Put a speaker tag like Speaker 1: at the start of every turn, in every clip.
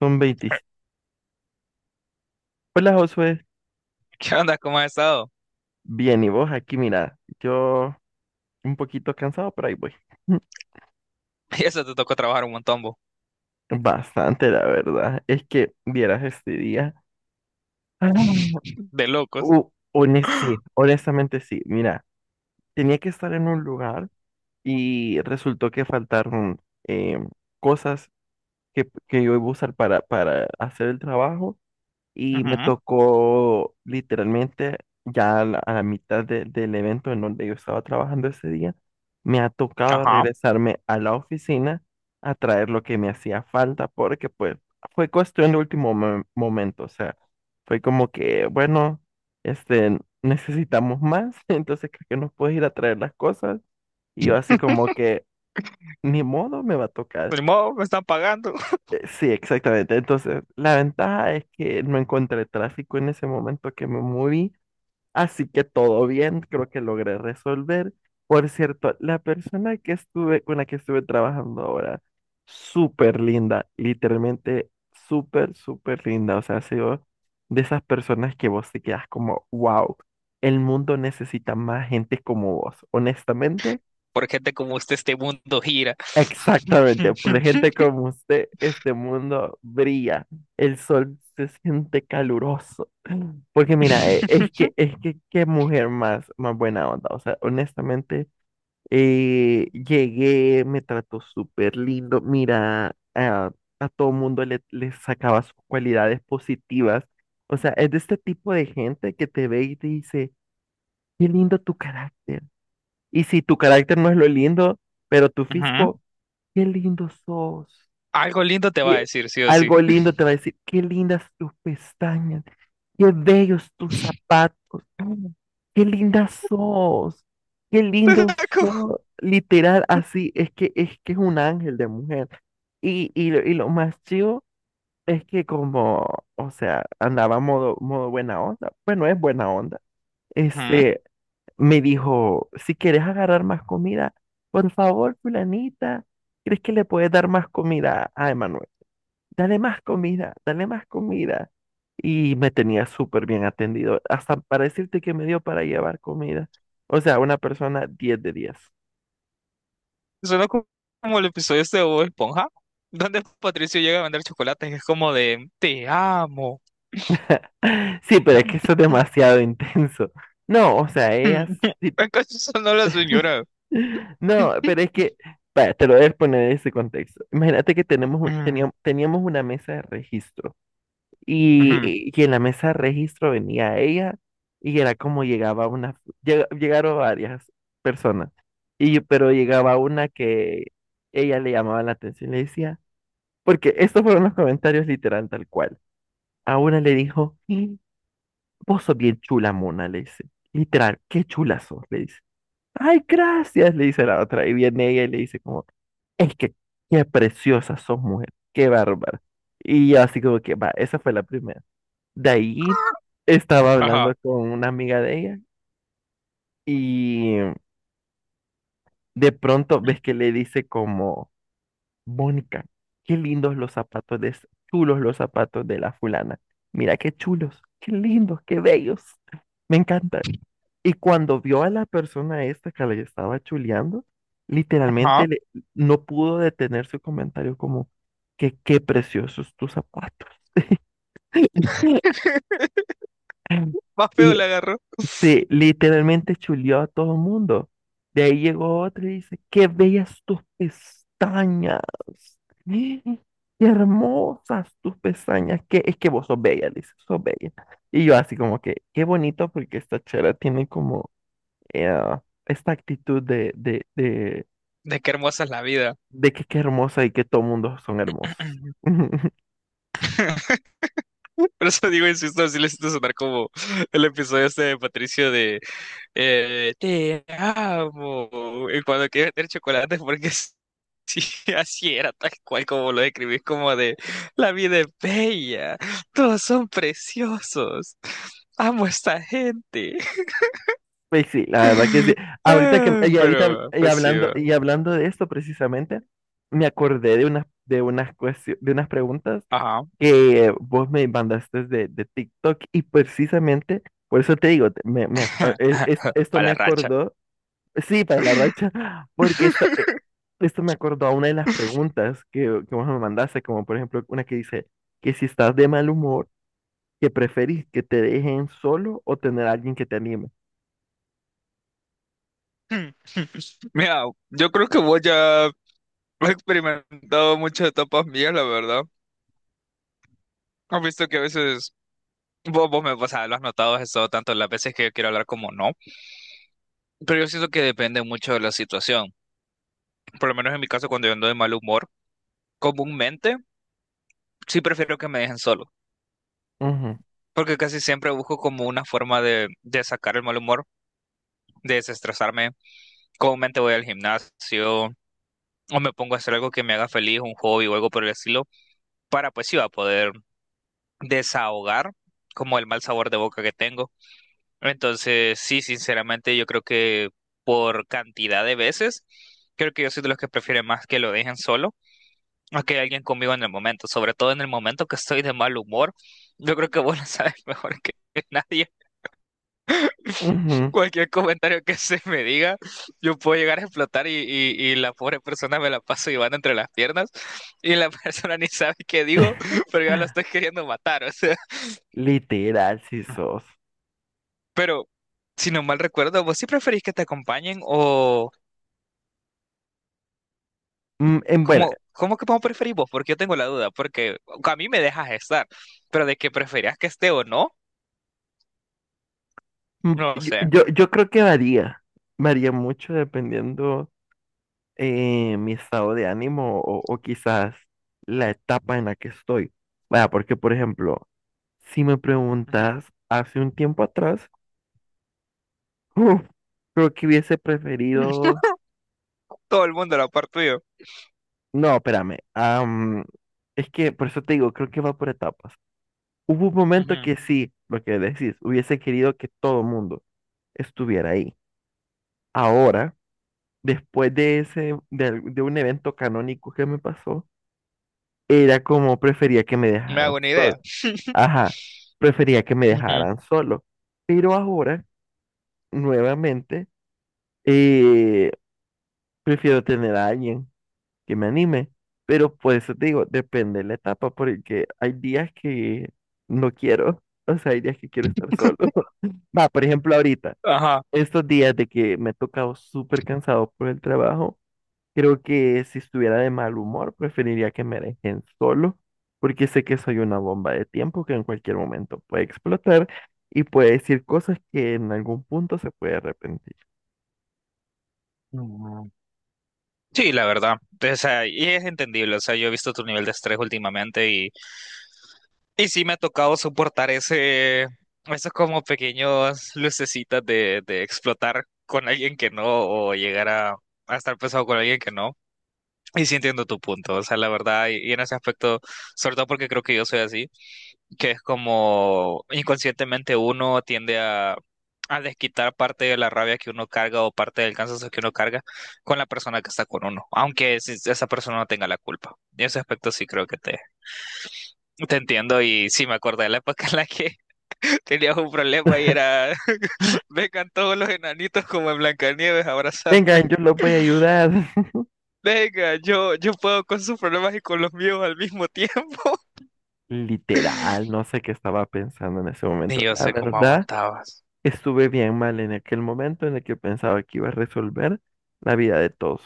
Speaker 1: Son 20. Hola, Josué,
Speaker 2: ¿Qué onda? ¿Cómo has estado?
Speaker 1: bien, ¿y vos aquí? Mira, yo un poquito cansado, pero ahí voy.
Speaker 2: Y eso te tocó trabajar un montón, vos.
Speaker 1: Bastante, la verdad. Es que vieras este día. Ah,
Speaker 2: De locos.
Speaker 1: sí, honestamente sí. Mira, tenía que estar en un lugar y resultó que faltaron eh, cosas que yo iba a usar para hacer el trabajo, y me
Speaker 2: Ujú,
Speaker 1: tocó literalmente ya a la mitad del evento en donde yo estaba trabajando ese día. Me ha tocado
Speaker 2: ajá.
Speaker 1: regresarme a la oficina a traer lo que me hacía falta porque pues fue cuestión de último momento. O sea, fue como que, bueno, necesitamos más, entonces creo que nos puedes ir a traer las cosas, y yo así como que, ni modo, me va a tocar.
Speaker 2: Pues ni modo, me están pagando.
Speaker 1: Sí, exactamente. Entonces, la ventaja es que no encontré tráfico en ese momento que me moví, así que todo bien, creo que logré resolver. Por cierto, la persona que estuve, con la que estuve trabajando ahora, súper linda, literalmente súper, súper linda. O sea, ha sido de esas personas que vos te quedas como, wow, el mundo necesita más gente como vos. Honestamente,
Speaker 2: Por gente como usted, este mundo gira.
Speaker 1: exactamente, por gente como usted, este mundo brilla, el sol se siente caluroso. Porque mira, es que qué mujer más, más buena onda. O sea, honestamente, llegué, me trató súper lindo. Mira, a todo mundo le sacaba sus cualidades positivas. O sea, es de este tipo de gente que te ve y te dice, qué lindo tu carácter. Y si tu carácter no es lo lindo, pero tu
Speaker 2: Ujú.
Speaker 1: físico, qué lindo sos.
Speaker 2: Algo lindo te va a
Speaker 1: Qué...
Speaker 2: decir, sí o sí.
Speaker 1: Algo lindo te va a decir, qué lindas tus pestañas, qué bellos tus zapatos, mm, qué linda sos, qué lindo sos. Literal, así es que es un ángel de mujer. Y lo más chido es que como, o sea, andaba modo buena onda. Bueno, es buena onda.
Speaker 2: Ujú.
Speaker 1: Este, me dijo, si quieres agarrar más comida, por favor, fulanita, ¿crees que le puedes dar más comida a Emanuel? Dale más comida, dale más comida. Y me tenía súper bien atendido, hasta para decirte que me dio para llevar comida. O sea, una persona 10 de 10.
Speaker 2: Suena como el episodio este de Bob Esponja, donde Patricio llega a vender chocolates y es como de, te amo.
Speaker 1: Sí, pero es que eso es demasiado intenso. No, o sea, ella... sí...
Speaker 2: ¿Acaso sonó la señora?
Speaker 1: No, pero es que, vaya, te lo voy a poner en ese contexto. Imagínate que tenemos,
Speaker 2: Ujú,
Speaker 1: teníamos, teníamos una mesa de registro. Y,
Speaker 2: ujú,
Speaker 1: y en la mesa de registro venía ella, y era como llegaba una, llegaron varias personas, pero llegaba una que ella le llamaba la atención, le decía, porque estos fueron los comentarios literal tal cual. A una le dijo, "Y vos sos bien chula, mona", le dice, literal, "qué chula sos", le dice. "Ay, gracias", le dice la otra, y viene ella y le dice como, es que qué preciosa sos, mujer, qué bárbara. Y yo así como que, va, esa fue la primera. De ahí estaba
Speaker 2: ajá,
Speaker 1: hablando con una amiga de ella, y de pronto ves que le dice como, "Mónica, qué lindos los zapatos de, chulos los zapatos de la fulana. Mira qué chulos, qué lindos, qué bellos. Me encanta". Y cuando vio a la persona esta que le estaba chuleando,
Speaker 2: ajá.
Speaker 1: literalmente no pudo detener su comentario como que qué preciosos tus zapatos.
Speaker 2: Más feo
Speaker 1: Y
Speaker 2: le agarró.
Speaker 1: sí, literalmente chuleó a todo el mundo. De ahí llegó otro y dice, qué bellas tus pestañas. ¡Eh! Qué hermosas tus pestañas. Que es que vos sos bella, le dice, sos bella. Y yo así como que, qué bonito porque esta chera tiene como eh, esta actitud
Speaker 2: De qué hermosa es la vida.
Speaker 1: de que qué hermosa y que todo mundo son hermosos.
Speaker 2: Por eso digo, insisto, así le siento sonar como el episodio este de Patricio de te amo. Y cuando quiere meter chocolate, porque sí, así era, tal cual como lo describís, como de la vida es bella, todos son preciosos, amo a esta gente.
Speaker 1: Pues sí, la verdad que sí.
Speaker 2: Ah,
Speaker 1: Ahorita
Speaker 2: pero, va,
Speaker 1: y
Speaker 2: pues sí,
Speaker 1: hablando
Speaker 2: va.
Speaker 1: y hablando de esto precisamente, me acordé de unas de unas preguntas
Speaker 2: Ajá.
Speaker 1: que vos me mandaste de TikTok, y precisamente por eso te digo, te- me ac- a- e- es- esto
Speaker 2: Para
Speaker 1: me
Speaker 2: la racha.
Speaker 1: acordó, sí, para la racha, porque esto, esto me acordó a una de las preguntas que vos me mandaste, como por ejemplo una que dice que si estás de mal humor, que preferís que te dejen solo o tener a alguien que te anime.
Speaker 2: Mira, yo creo que vos ya has experimentado muchas etapas mías, la verdad. Has visto que a veces vos me, o sea, lo has notado eso tanto las veces que yo quiero hablar como no. Pero yo siento que depende mucho de la situación. Por lo menos en mi caso, cuando yo ando de mal humor, comúnmente sí prefiero que me dejen solo.
Speaker 1: Ujú,
Speaker 2: Porque casi siempre busco como una forma de, sacar el mal humor, de desestresarme. Comúnmente voy al gimnasio o me pongo a hacer algo que me haga feliz, un hobby o algo por el estilo, para pues sí va a poder desahogar como el mal sabor de boca que tengo. Entonces, sí, sinceramente, yo creo que por cantidad de veces, creo que yo soy de los que prefieren más que lo dejen solo a que alguien conmigo en el momento, sobre todo en el momento que estoy de mal humor. Yo creo que vos lo sabes mejor que nadie.
Speaker 1: ujú.
Speaker 2: Cualquier comentario que se me diga, yo puedo llegar a explotar y la pobre persona me la paso llevando entre las piernas y la persona ni sabe qué digo, pero ya la estoy queriendo matar. O sea,
Speaker 1: Literal, si sos.
Speaker 2: pero, si no mal recuerdo, ¿vos sí preferís que te acompañen o
Speaker 1: Bueno,
Speaker 2: cómo que cómo preferís vos? Porque yo tengo la duda, porque a mí me dejas estar, pero de que preferías que esté o no, no sé.
Speaker 1: yo creo que varía. Varía mucho dependiendo mi estado de ánimo, o quizás la etapa en la que estoy. Vaya, porque, por ejemplo, si me
Speaker 2: Ujú.
Speaker 1: preguntas hace un tiempo atrás, uf, creo que hubiese preferido.
Speaker 2: Todo el mundo, la parte tuyo.
Speaker 1: No, espérame. Es que por eso te digo, creo que va por etapas. Hubo un momento
Speaker 2: Ujú.
Speaker 1: que sí, lo que decís, hubiese querido que todo el mundo estuviera ahí. Ahora, después de ese, de, al- de un evento canónico que me pasó, era como prefería que me
Speaker 2: Me
Speaker 1: dejaran
Speaker 2: hago una idea.
Speaker 1: solo. Ajá, prefería que me
Speaker 2: Ujú.
Speaker 1: dejaran solo. Pero ahora, nuevamente, eh, prefiero tener a alguien que me anime. Pero por eso te digo, depende de la etapa, porque hay días que no quiero, o sea, hay días que quiero estar solo. Va, por ejemplo, ahorita,
Speaker 2: Ajá.
Speaker 1: estos días de que me he tocado súper cansado por el trabajo. Creo que si estuviera de mal humor, preferiría que me dejen solo, porque sé que soy una bomba de tiempo que en cualquier momento puede explotar y puede decir cosas que en algún punto se puede arrepentir.
Speaker 2: Mm. Sí, la verdad. O sea, y es entendible. O sea, yo he visto tu nivel de estrés últimamente. Y sí me ha tocado soportar ese, esos como pequeños lucecitas de, explotar con alguien que no, o llegar a estar pesado con alguien que no. Y sí entiendo tu punto, o sea, la verdad, y en ese aspecto, sobre todo porque creo que yo soy así, que es como inconscientemente uno tiende a desquitar parte de la rabia que uno carga o parte del cansancio que uno carga con la persona que está con uno, aunque esa persona no tenga la culpa. En ese aspecto sí creo que te, entiendo y sí me acordé de la época en la que tenías un problema y era, vengan todos los enanitos como en Blancanieves a abrazarme.
Speaker 1: Vengan, yo los voy a ayudar.
Speaker 2: Venga, yo puedo con sus problemas y con los míos al mismo tiempo.
Speaker 1: Literal, no sé qué estaba pensando en ese
Speaker 2: Y
Speaker 1: momento.
Speaker 2: yo
Speaker 1: La
Speaker 2: sé cómo
Speaker 1: verdad,
Speaker 2: aguantabas.
Speaker 1: estuve bien mal en aquel momento en el que pensaba que iba a resolver la vida de todos.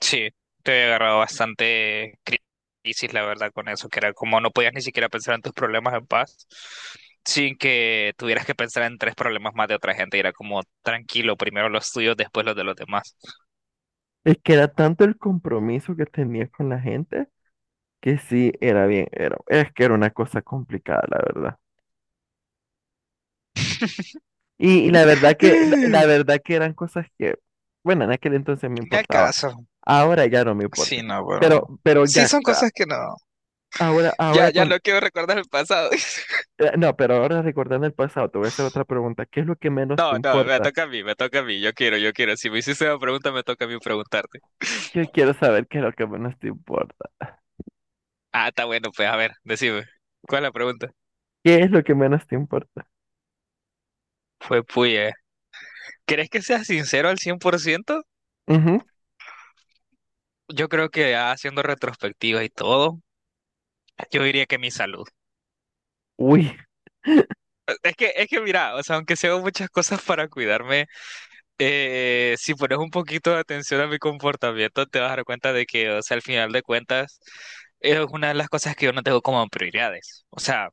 Speaker 2: Sí, te había agarrado bastante crisis, la verdad, con eso, que era como no podías ni siquiera pensar en tus problemas en paz, sin que tuvieras que pensar en tres problemas más de otra gente. Y era como tranquilo, primero los tuyos, después los de los demás.
Speaker 1: Es que era tanto el compromiso que tenía con la gente que sí era bien, era, es que era una cosa complicada, la verdad. Y la verdad que, la
Speaker 2: Me
Speaker 1: verdad que eran cosas que, bueno, en aquel entonces me importaba.
Speaker 2: acaso.
Speaker 1: Ahora ya no me importa.
Speaker 2: Sí, no, bueno.
Speaker 1: Pero
Speaker 2: Sí,
Speaker 1: ya,
Speaker 2: son cosas que no.
Speaker 1: ahora, ahora
Speaker 2: Ya, ya
Speaker 1: con,
Speaker 2: no quiero recordar el pasado.
Speaker 1: no, pero ahora recordando el pasado, te voy a hacer otra pregunta. ¿Qué es lo que menos te
Speaker 2: No, no, me
Speaker 1: importa?
Speaker 2: toca a mí, me toca a mí. Yo quiero, yo quiero. Si me hiciste una pregunta, me toca a mí preguntarte.
Speaker 1: Yo quiero saber qué es lo que menos te importa.
Speaker 2: Ah, está bueno, pues a ver, decime. ¿Cuál es la pregunta?
Speaker 1: ¿Qué es lo que menos te importa?
Speaker 2: Fue puya, ¿eh? ¿Crees que seas sincero al 100%?
Speaker 1: Ujú.
Speaker 2: Yo creo que ya haciendo retrospectiva y todo, yo diría que mi salud.
Speaker 1: Uy.
Speaker 2: Es que mira, o sea, aunque sea muchas cosas para cuidarme, si pones un poquito de atención a mi comportamiento, te vas a dar cuenta de que, o sea, al final de cuentas, es una de las cosas que yo no tengo como prioridades. O sea,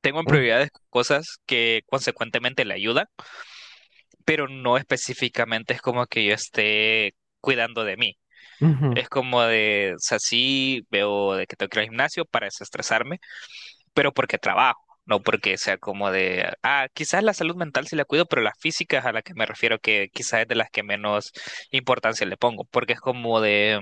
Speaker 2: tengo en
Speaker 1: Ujú,
Speaker 2: prioridades cosas que consecuentemente le ayudan, pero no específicamente es como que yo esté cuidando de mí.
Speaker 1: ujú,
Speaker 2: Es como de, o sea, sí veo de que tengo que ir al gimnasio para desestresarme, pero porque trabajo, no porque sea como de, ah, quizás la salud mental sí la cuido, pero las físicas a las que me refiero que quizás es de las que menos importancia le pongo, porque es como de,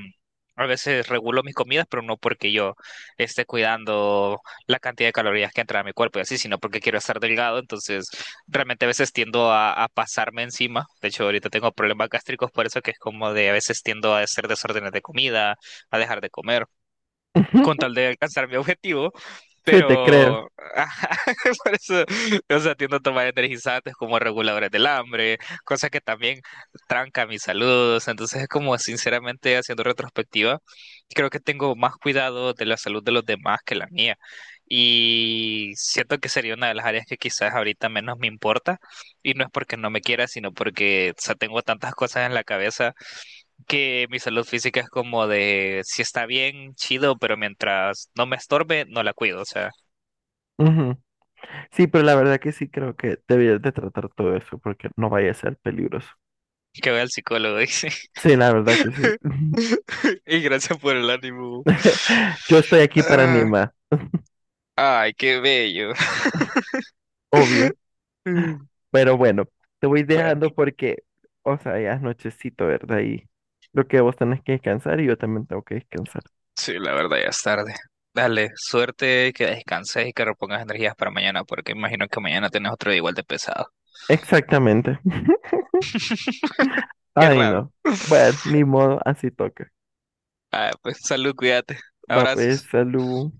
Speaker 2: a veces regulo mis comidas, pero no porque yo esté cuidando la cantidad de calorías que entra a mi cuerpo y así, sino porque quiero estar delgado, entonces realmente a veces tiendo a, pasarme encima, de hecho ahorita tengo problemas gástricos por eso que es como de a veces tiendo a hacer desórdenes de comida, a dejar de comer con
Speaker 1: ujú.
Speaker 2: tal de alcanzar mi objetivo,
Speaker 1: Sí, te creo.
Speaker 2: pero por eso, o sea, tiendo a tomar energizantes como reguladores del hambre, cosa que también tranca mis saludos, entonces es como sinceramente haciendo retrospectiva, creo que tengo más cuidado de la salud de los demás que la mía. Y siento que sería una de las áreas que quizás ahorita menos me importa. Y no es porque no me quiera, sino porque, o sea, tengo tantas cosas en la cabeza que mi salud física es como de si está bien, chido, pero mientras no me estorbe, no la cuido. O sea,
Speaker 1: Ujú. Sí, pero la verdad que sí creo que debías de tratar todo eso porque no vaya a ser peligroso.
Speaker 2: que vaya al psicólogo, dice.
Speaker 1: Sí, la verdad que sí.
Speaker 2: Y gracias por el ánimo.
Speaker 1: Yo estoy aquí para
Speaker 2: Ah,
Speaker 1: Nima,
Speaker 2: ay, qué bello.
Speaker 1: obvio,
Speaker 2: Mm,
Speaker 1: pero bueno, te voy
Speaker 2: bueno,
Speaker 1: dejando porque, o sea, ya es nochecito, ¿verdad? Y lo que vos tenés que descansar y yo también tengo que descansar.
Speaker 2: sí, la verdad ya es tarde. Dale, suerte, que descanses y que repongas energías para mañana, porque imagino que mañana tenés otro día igual de pesado.
Speaker 1: Exactamente.
Speaker 2: Qué
Speaker 1: Ay,
Speaker 2: raro.
Speaker 1: no. Bueno, ni modo, así toca.
Speaker 2: Ah, pues salud, cuídate.
Speaker 1: Va pues,
Speaker 2: Abrazos.
Speaker 1: salud.